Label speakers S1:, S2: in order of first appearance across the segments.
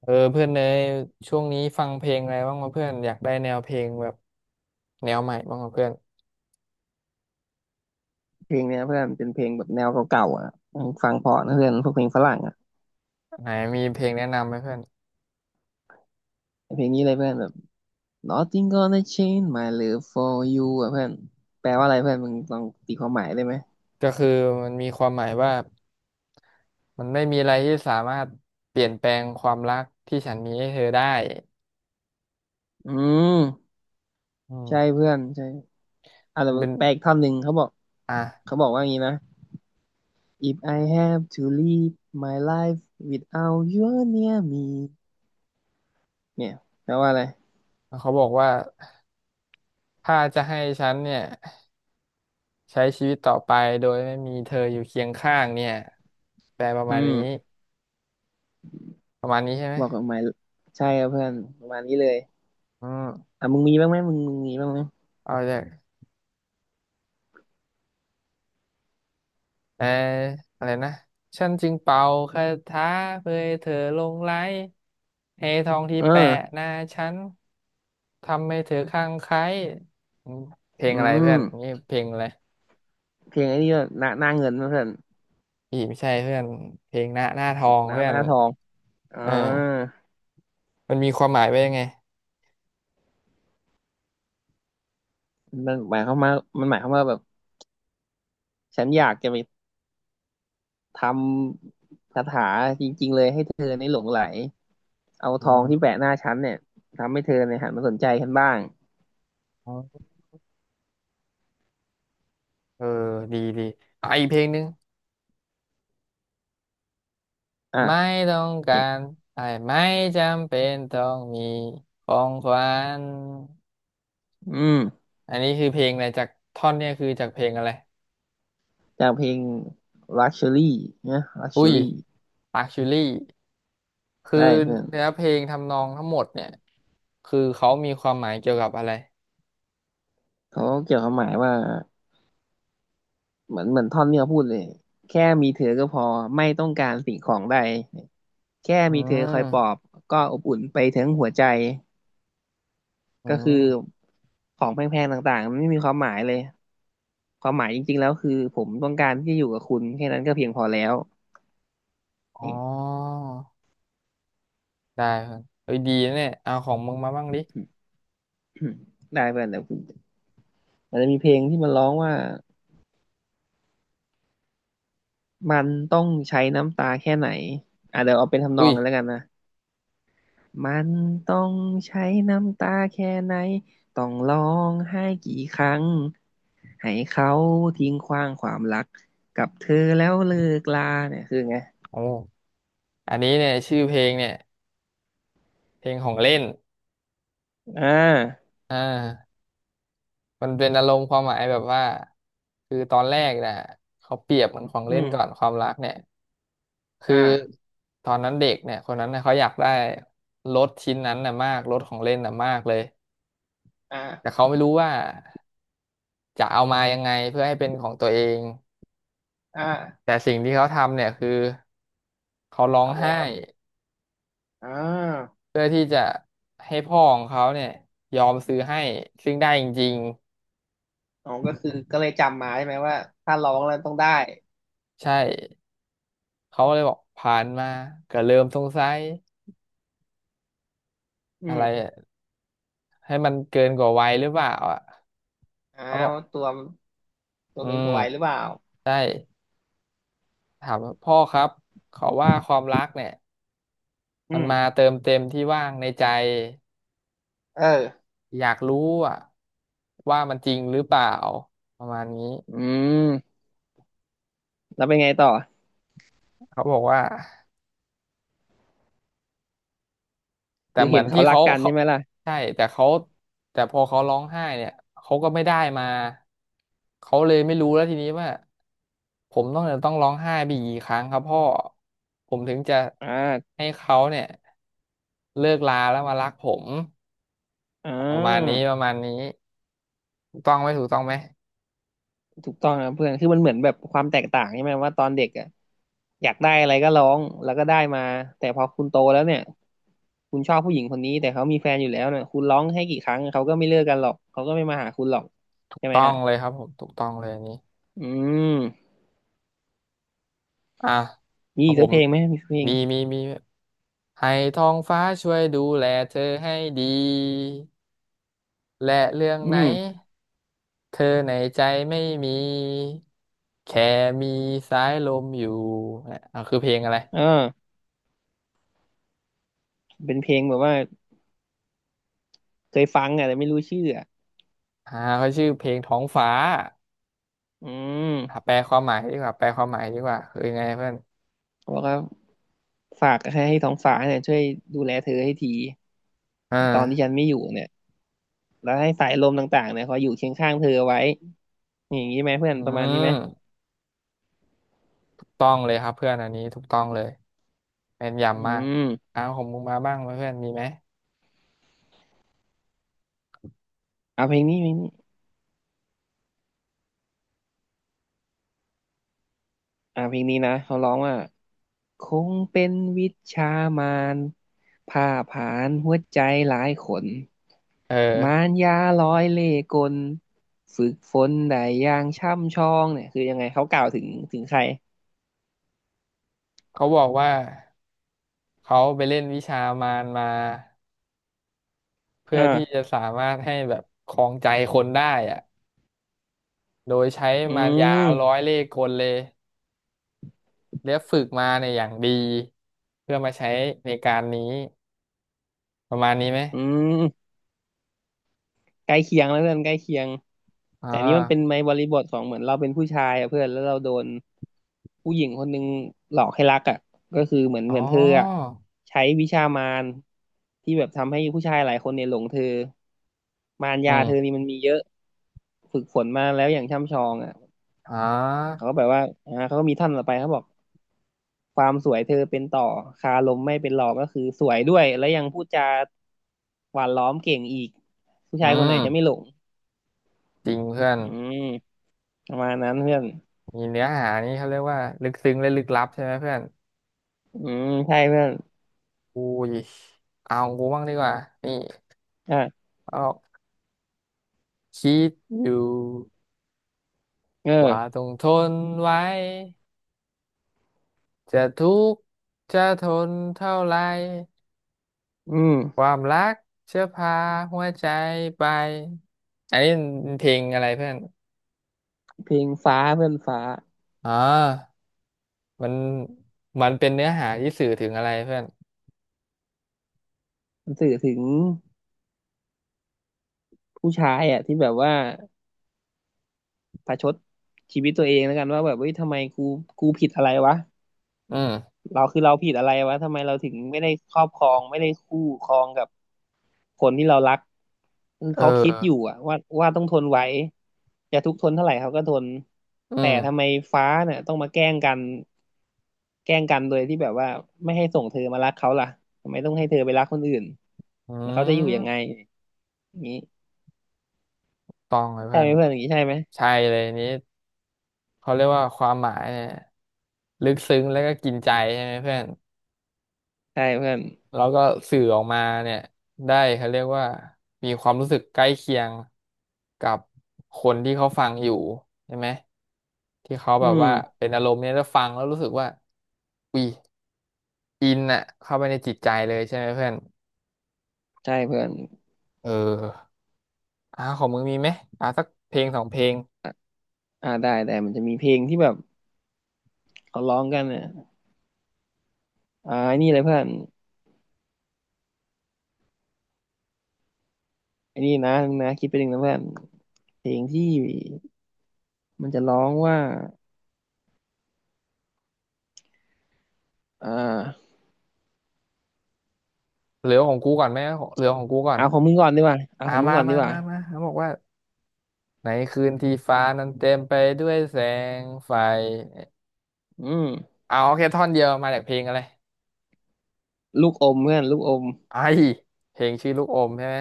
S1: เออเพื่อนเนยช่วงนี้ฟังเพลงอะไรบ้างวะเพื่อนอยากได้แนวเพลงแบบแนวใหม่บ้างวะเพื่อน
S2: เพลงเนี้ยเพื่อนเป็นเพลงแบบแนวเก่าๆอ่ะฟังเพราะนะเพื่อนพวกเพลงฝรั่งอ่ะ
S1: ไหนมีเพลงแนะนำไหมเพื่อน
S2: เพลงนี้เลยเพื่อนแบบ Nothing gonna change my love for you อ่ะเพื่อนแปลว่าอะไรเพื่อนมึงลองตีความหมายได้ไหม
S1: ก็คือมันมีความหมายว่ามันไม่มีอะไรที่สามารถเปลี่ยนแปลงความรักที่ฉันมีให้เธอได้
S2: อืม
S1: อื
S2: ใช่
S1: ม
S2: เพื่อนใช่อ่ะแต่
S1: มันเป็น
S2: แปลอีกท่อนหนึ่งเขาบอก
S1: อ่ะ
S2: ว่าอย่างนี้นะ If I have to live my life without you near me เนี่ยแปลว่าอะไร
S1: เขาบอกว่าถ้าจะให้ฉันเนี่ยใช้ชีวิตต่อไปโดยไม่มีเธออยู่เคียงข้างเนี่ยแปลประ
S2: อื
S1: มาณ
S2: ม
S1: นี้ประมาณนี้ใช่ไหม
S2: บอกกับหมายใช่ครับเพื่อนประมาณนี้เลย
S1: อืม
S2: อ่ะมึงมีบ้างไหมมึงมีบ้างไหม
S1: เอาจาก เอออะไรนะฉันจึงเป่าคาถาเพื่อให้เธอหลงไหลให้ทองที่
S2: เอ
S1: แปะ
S2: อ
S1: หน้าฉันทำให้เธอคลั่งไคล้อืมเพลง
S2: อื
S1: อะไรเพื่
S2: ม
S1: อนนี่เพลงอะไร
S2: เพลงไอ้นี่ก็หน้าเงินนะเพื่อน
S1: อีไม่ใช่เพื่อนเพลงหน้าหน้าทอง
S2: หน้า
S1: เพื่อ
S2: ห
S1: น
S2: น้าทองอ่า
S1: เออมันมีความหมายไว้ยังไง
S2: มันหมายความว่ามันหมายความว่าแบบฉันอยากจะไปทำคาถาจริงๆเลยให้เธอในหลงไหลเอา
S1: อื
S2: ทองที่
S1: ม
S2: แปะหน้าฉันเนี่ยทำให้เธอเนี่ยหันมาสนใจฉันบ้าง
S1: อ๋อเออดีดีอ่ะอีกเพลงหนึ่ง
S2: อ่ะ
S1: ไม่ต้องกา
S2: นี่
S1: รไอ้ไม่จำเป็นต้องมีของขวัญ
S2: อืม
S1: อันนี้คือเพลงอะไรจากท่อนเนี่ยคือจากเพลงอะไร
S2: จากเพลง luxury นะ
S1: อุ้ย
S2: luxury
S1: ปากชูลี่คือ
S2: ใช่เพื่อน
S1: เนื้อเพลงทำนองทั้งหมดเนี่ยคือเขามีความหมายเกี่ยวกับอะไร
S2: เขาเกี่ยวความหมายว่าเหมือนท่อนเนี้ยพูดเลยแค่มีเธอก็พอไม่ต้องการสิ่งของใด แค่
S1: อื
S2: มีเธอคอยปลอบ
S1: ม
S2: ก็อบอุ่นไปทั้งหัวใจ
S1: อื
S2: ก็คือ
S1: ม
S2: ของแพงๆต่างๆมันไม่มีความหมายเลยความหมายจริงๆแล้วคือผมต้องการที่จะอยู่กับคุณแค่นั้นก็เพียงพอแล้ว
S1: อ๋อ
S2: นี่
S1: ได้ครับเฮ้ยดีนะเนี่ยเอาของมึงมาบ้างดิ
S2: ได้เพื่อนแต่คุณมันจะมีเพลงที่มันร้องว่ามันต้องใช้น้ำตาแค่ไหนอ่ะเดี๋ยวเอาเป็นทำนอ
S1: อุ้
S2: ง
S1: ย
S2: กันแล้วกันนะ มันต้องใช้น้ำตาแค่ไหนต้องร้องไห้กี่ครั้งให้เขาทิ้งขว้างความรักกับเธอแล้วเลิกลาเนี่ยคือไง
S1: โอ้อันนี้เนี่ยชื่อเพลงเนี่ยเพลงของเล่น
S2: อ่า
S1: อ่ามันเป็นอารมณ์ความหมายแบบว่าคือตอนแรกนะเขาเปรียบเหมือนของ
S2: อื
S1: เล่นก่อน
S2: ม
S1: ความรักเนี่ย คือ
S2: อ่า
S1: ตอนนั้นเด็กเนี่ยคนนั้นเนี่ยเขาอยากได้รถชิ้นนั้นน่ะมากรถของเล่นน่ะมากเลย
S2: อ่
S1: แต่
S2: า
S1: เขาไม่รู้ว่าจะเอามายังไงเพื่อให้เป็นของตัวเอง
S2: อ่
S1: แต่
S2: า
S1: สิ่งที่เขาทำเนี่ยคือเขาร้อง
S2: ทำอะไร
S1: ไห้
S2: ครับอ่า
S1: เพื่อที่จะให้พ่อของเขาเนี่ยยอมซื้อให้ซึ่งได้จริง
S2: อ๋อก็คือก็เลยจำมาใช่ไหมว่าถ้าร้องแล้วต้องได้
S1: ๆใช่เขาเลยบอกผ่านมาก็เริ่มสงสัย
S2: อื
S1: อะ
S2: ม
S1: ไรให้มันเกินกว่าวัยหรือเปล่าอ่ะ
S2: อ่า
S1: เขาบอก
S2: ว่าตัวตั
S1: อื
S2: วเกิน
S1: ม
S2: กว่าวัยหรือเปล่า
S1: ได้ถามว่าพ่อครับขอว่าความรักเนี่ย
S2: อื
S1: มัน
S2: ม
S1: มาเติมเต็มที่ว่างในใจ
S2: เออ
S1: อยากรู้อะว่ามันจริงหรือเปล่าประมาณนี้
S2: อืมแล้วเป็นไงต่อ
S1: เขาบอกว่าแต่
S2: คือ
S1: เหมื
S2: เห็
S1: อ
S2: น
S1: น
S2: เขา
S1: ที่
S2: รัก
S1: เขา
S2: กัน
S1: เขา
S2: ใช่ไหมล่ะ
S1: ใช่แต่เขาแต่พอเขาร้องไห้เนี่ยเขาก็ไม่ได้มาเขาเลยไม่รู้แล้วทีนี้ว่าผมต้องจะต้องร้องไห้ไปอีกกี่ครั้งครับพ่อผมถึงจะ
S2: อ่า
S1: ให้เขาเนี่ยเลิกลาแล้วมารักผม
S2: อ่
S1: ประมาณ
S2: า
S1: นี้ประมาณนี้ถูกต้องไหมถูกต้องไหม
S2: ถูกต้องครับเพื่อน คือมันเหมือนแบบความแตกต่างใช่ไหมว่าตอนเด็กอ่ะอยากได้อะไรก็ร้องแล้วก็ได้มาแต่พอคุณโตแล้วเนี่ยคุณชอบผู้หญิงคนนี้แต่เขามีแฟนอยู่แล้วเนี่ยคุณร้องให้กี่ครั้งเขาก็ไม่เลิกกันหรอกเขาก็ไม่มาหาคุณหรอก
S1: ถูก
S2: ใช่ไหม
S1: ต้อง
S2: ฮะ
S1: เลยครับผมถูกต้องเลยอันนี้
S2: อืม
S1: อ่ะ
S2: มี
S1: เอา
S2: อีก
S1: ผ
S2: สัก
S1: ม
S2: เพลงไหมมีสักเพลง
S1: มีมีมีให้ท้องฟ้าช่วยดูแลเธอให้ดีและเรื่อง
S2: อื
S1: ไหน
S2: ม
S1: เธอในใจไม่มีแค่มีสายลมอยู่อ่ะอ่ะคือเพลงอะไร
S2: เออเป็นเพลงแบบว่าเคยฟังอ่ะแต่ไม่รู้ชื่ออ่ะ
S1: อ่าเขาชื่อเพลงท้องฟ้า
S2: อืม
S1: อ่ะแปลความหมายดีกว่าแปลความหมายดีกว่าคือยังไงเพื่อน
S2: บอกว่าฝากให้ท้องฟ้าเนี่ยช่วยดูแลเธอให้ที
S1: อ่า
S2: ตอนที่ฉันไม่อยู่เนี่ย แล้วให้สายลมต่างๆเนี่ยคอยอยู่เคียงข้างเธอเอาไว้ อย่างนี้ไหมเพื่อน
S1: อื
S2: ประมาณนี้ไหม
S1: มถูกต้องเลยครับเพื่อนอันนี้ถูกต้องเลยแม่น
S2: อื
S1: ยำมาก
S2: ม
S1: อ้าวของมึงมาบ้างไหมเพื่อนมีไหม
S2: เอาเพลงนี้อ่าเพลงนี้นะเขาร้องว่าคงเป็นวิชามารผ่าผลาญหัวใจหลายขน
S1: เอ
S2: มา
S1: อ
S2: รยาร้อยเล่ห์กลฝึกฝนได้อย่างช่ำชองเนี่ยคือยังไงเขากล่าวถึงถึงใคร
S1: เขาบอกว่า เขาไปเล่นวิชามารมาเพื่อที่จะ
S2: อ่า
S1: สามารถให้แบบครองใจคนได้อะโดยใช้
S2: อื
S1: มารยาร้
S2: ม
S1: อยเล่ห์กลเลยและฝึกมาในยอย่างดีเพื่อมาใช้ในการนี้ประมาณนี้ไหม
S2: อืม ใกล้เคียงแล้วเพื่อนใกล้เคียง
S1: อ่
S2: แต่นี้มันเป็น
S1: า
S2: ในบริบทของเหมือนเราเป็นผู้ชายอะเพื่อนแล้วเราโดนผู้หญิงคนหนึ่งหลอกให้รักอ่ะก็คือเหมือน
S1: อ๋
S2: เห
S1: อ
S2: มือนเธออ่ะใช้วิชามารที่แบบทำให้ผู้ชายหลายคนเนี่ยหลงเธอมาร
S1: อื
S2: ยาเธอนี่
S1: ม
S2: มันมีเยอะฝึกฝนมาแล้วอย่างช่ำชองอ่ะ
S1: อ๋อ
S2: เขาก็แบบว่าอ่าเขาก็มีท่อนต่อไปเขาบอกความสวยเธอเป็นต่อคาลมไม่เป็นหลอกก็คือสวยด้วยแล้วยังพูดจาหวานล้อมเก่งอีกผู้
S1: อื
S2: ชายคนไหนจะไม่ห
S1: ม
S2: ลง
S1: จริงเพื่อน
S2: อืม ประมาณนั้นเพื่อน
S1: มีเนื้อหานี่เขาเรียกว่าลึกซึ้งและลึกลับใช่ไหมเพื่อน
S2: อืมใช่เพื่อน
S1: อุ้ยเอากูบ้างดีกว่านี่
S2: อ่ะ
S1: เอาคิดอยู่
S2: เอ
S1: ว่า
S2: อ
S1: ต้องทนไว้ จะทุกข์จะทนเท่าไร
S2: อื
S1: ค
S2: ม
S1: วามรักจะพาหัวใจไปอันนี้มันเพลงอะไรเพื่อน
S2: เพลงฟ้าเพื่อนฟ้า
S1: อ๋อมันมันเป็นเนื้อหาที่สื่อถึงอะไรเพื่อน
S2: มันสื่อถึงผู้ชายอ่ะที่แบบว่าประชดชีวิตตัวเองแล้วกันว่าแบบเฮ้ยทำไมกูกูผิดอะไรวะ
S1: อืม
S2: เราคือเราผิดอะไรวะทำไมเราถึงไม่ได้ครอบครองไม่ได้คู่ครองกับคนที่เรารักคือ
S1: เอ
S2: เขาคิ
S1: อ
S2: ดอยู่อะว่าต้องทนไหวจะทุกข์ทนเท่าไหร่เขาก็ทน
S1: อื
S2: แต่
S1: ม
S2: ทำไมฟ้าเนี่ยต้องมาแกล้งกันแกล้งกันโดยที่แบบว่าไม่ให้ส่งเธอมารักเขาล่ะทำไมต้องให้เธอไปรักคนอื่น
S1: อื
S2: แล้วเขาจะอยู่ยังไง
S1: ม
S2: อย่างนี้
S1: ต้องเลย
S2: ใช่
S1: เพื่อ
S2: ไห
S1: น
S2: มเพื่อนอย่างนี้ใช่ไหม
S1: ใช่เลยนี้เขาเรียกว่าความหมายเนี่ยลึกซึ้งแล้วก็กินใจใช่ไหมเพื่อน
S2: ใช่เพื่อน
S1: แล้วก็สื่อออกมาเนี่ยได้เขาเรียกว่ามีความรู้สึกใกล้เคียงกับคนที่เขาฟังอยู่ใช่ไหมที่เขา
S2: อื
S1: แบบว่า
S2: ม
S1: เป็นอารมณ์เนี่ยแล้วฟังแล้วรู้สึกว่าอุ้ยอินอะเข้าไปในจิตใจเลยใช่ไหมเพื่อน
S2: ใช่เพื่อน
S1: เอออ่าของมึงมีไหมอ่าสักเพลงสองเพลง
S2: อ่าได้แต่มันจะมีเพลงที่แบบเขาร้องกันเนี่ยอ่าไอ้นี่เลยเพื่อน ไอ้นี่นะนงนะคิดไปหนึ่งนะเพื่อนเพลงที่มันจะร้องว่าอ่า
S1: เหลือของกูก่อนไหมของเหลือของกูก่อน
S2: เอาของมึงก่อนดีกว่าเอา
S1: อ่า
S2: ของมึง
S1: มา
S2: ก่อนดี
S1: มา
S2: กว่า
S1: มามาเขาบอกว่าในคืนที่ฟ้านั้นเต็มไปด้วยแสงไฟ
S2: อืม
S1: เอาโอเคท่อนเดียวมาจากเพลงอะไร
S2: ลูกอมเพื่อนลูกอม
S1: ไอเพลงชื่อลูกอมใช่ไหม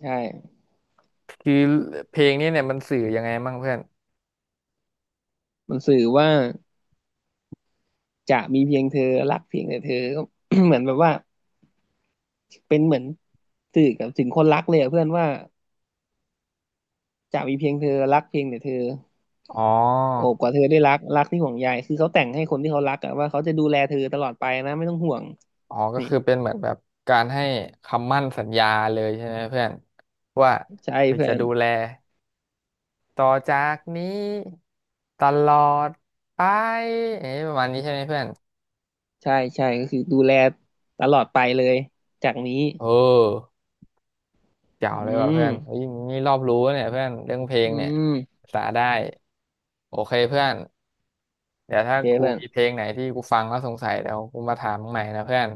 S2: ใช่
S1: คือเพลงนี้เนี่ยมันสื่อยังไงมั่งเพื่อน
S2: มันสื่อว่าจะมีเพียงเธอรักเพียงแต่เธอ ก็ เหมือนแบบว่าเป็นเหมือนสื่อกับถึงคนรักเลยอะเพื่อนว่าจะมีเพียงเธอรักเพียงแต่เธอ
S1: อ๋อ
S2: โอบกว่าเธอได้รักรักที่ห่วงใยคือเขาแต่งให้คนที่เขารักอะว่าเขาจะดูแลเธอตลอดไปนะไม่ต้องห่วง
S1: อ๋อก็
S2: นี่
S1: คือเป็นเหมือนแบบการให้คำมั่นสัญญาเลยใช่ไหมเพื่อนว่า
S2: ใช่เพื่
S1: จะ
S2: อน
S1: ดูแลต่อจากนี้ตลอดไปเอ๊ะประมาณนี้ใช่ไหมเพื่อน
S2: ใช่ก็คือดูแลตลอดไปเลยจากนี้
S1: เออเจ๋
S2: อื
S1: วเลยว่ะเพื่อนเฮ้
S2: ม
S1: ยนี่รอบรู้เนี่ยเพื่อนเรื่องเพล
S2: อื
S1: งเนี่ย
S2: ม
S1: สาได้โอเคเพื่อนเดี๋ยว
S2: โอ
S1: ถ้า
S2: เค
S1: กู
S2: เพื่อน
S1: มีเพลงไหนที่กูฟังแล้วสงสัยเดี๋ยวกูมาถามมึงใหม่นะเพื่อน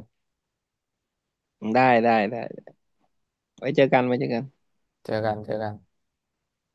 S2: ได้ไว้เจอกัน
S1: เจอกันเจอกัน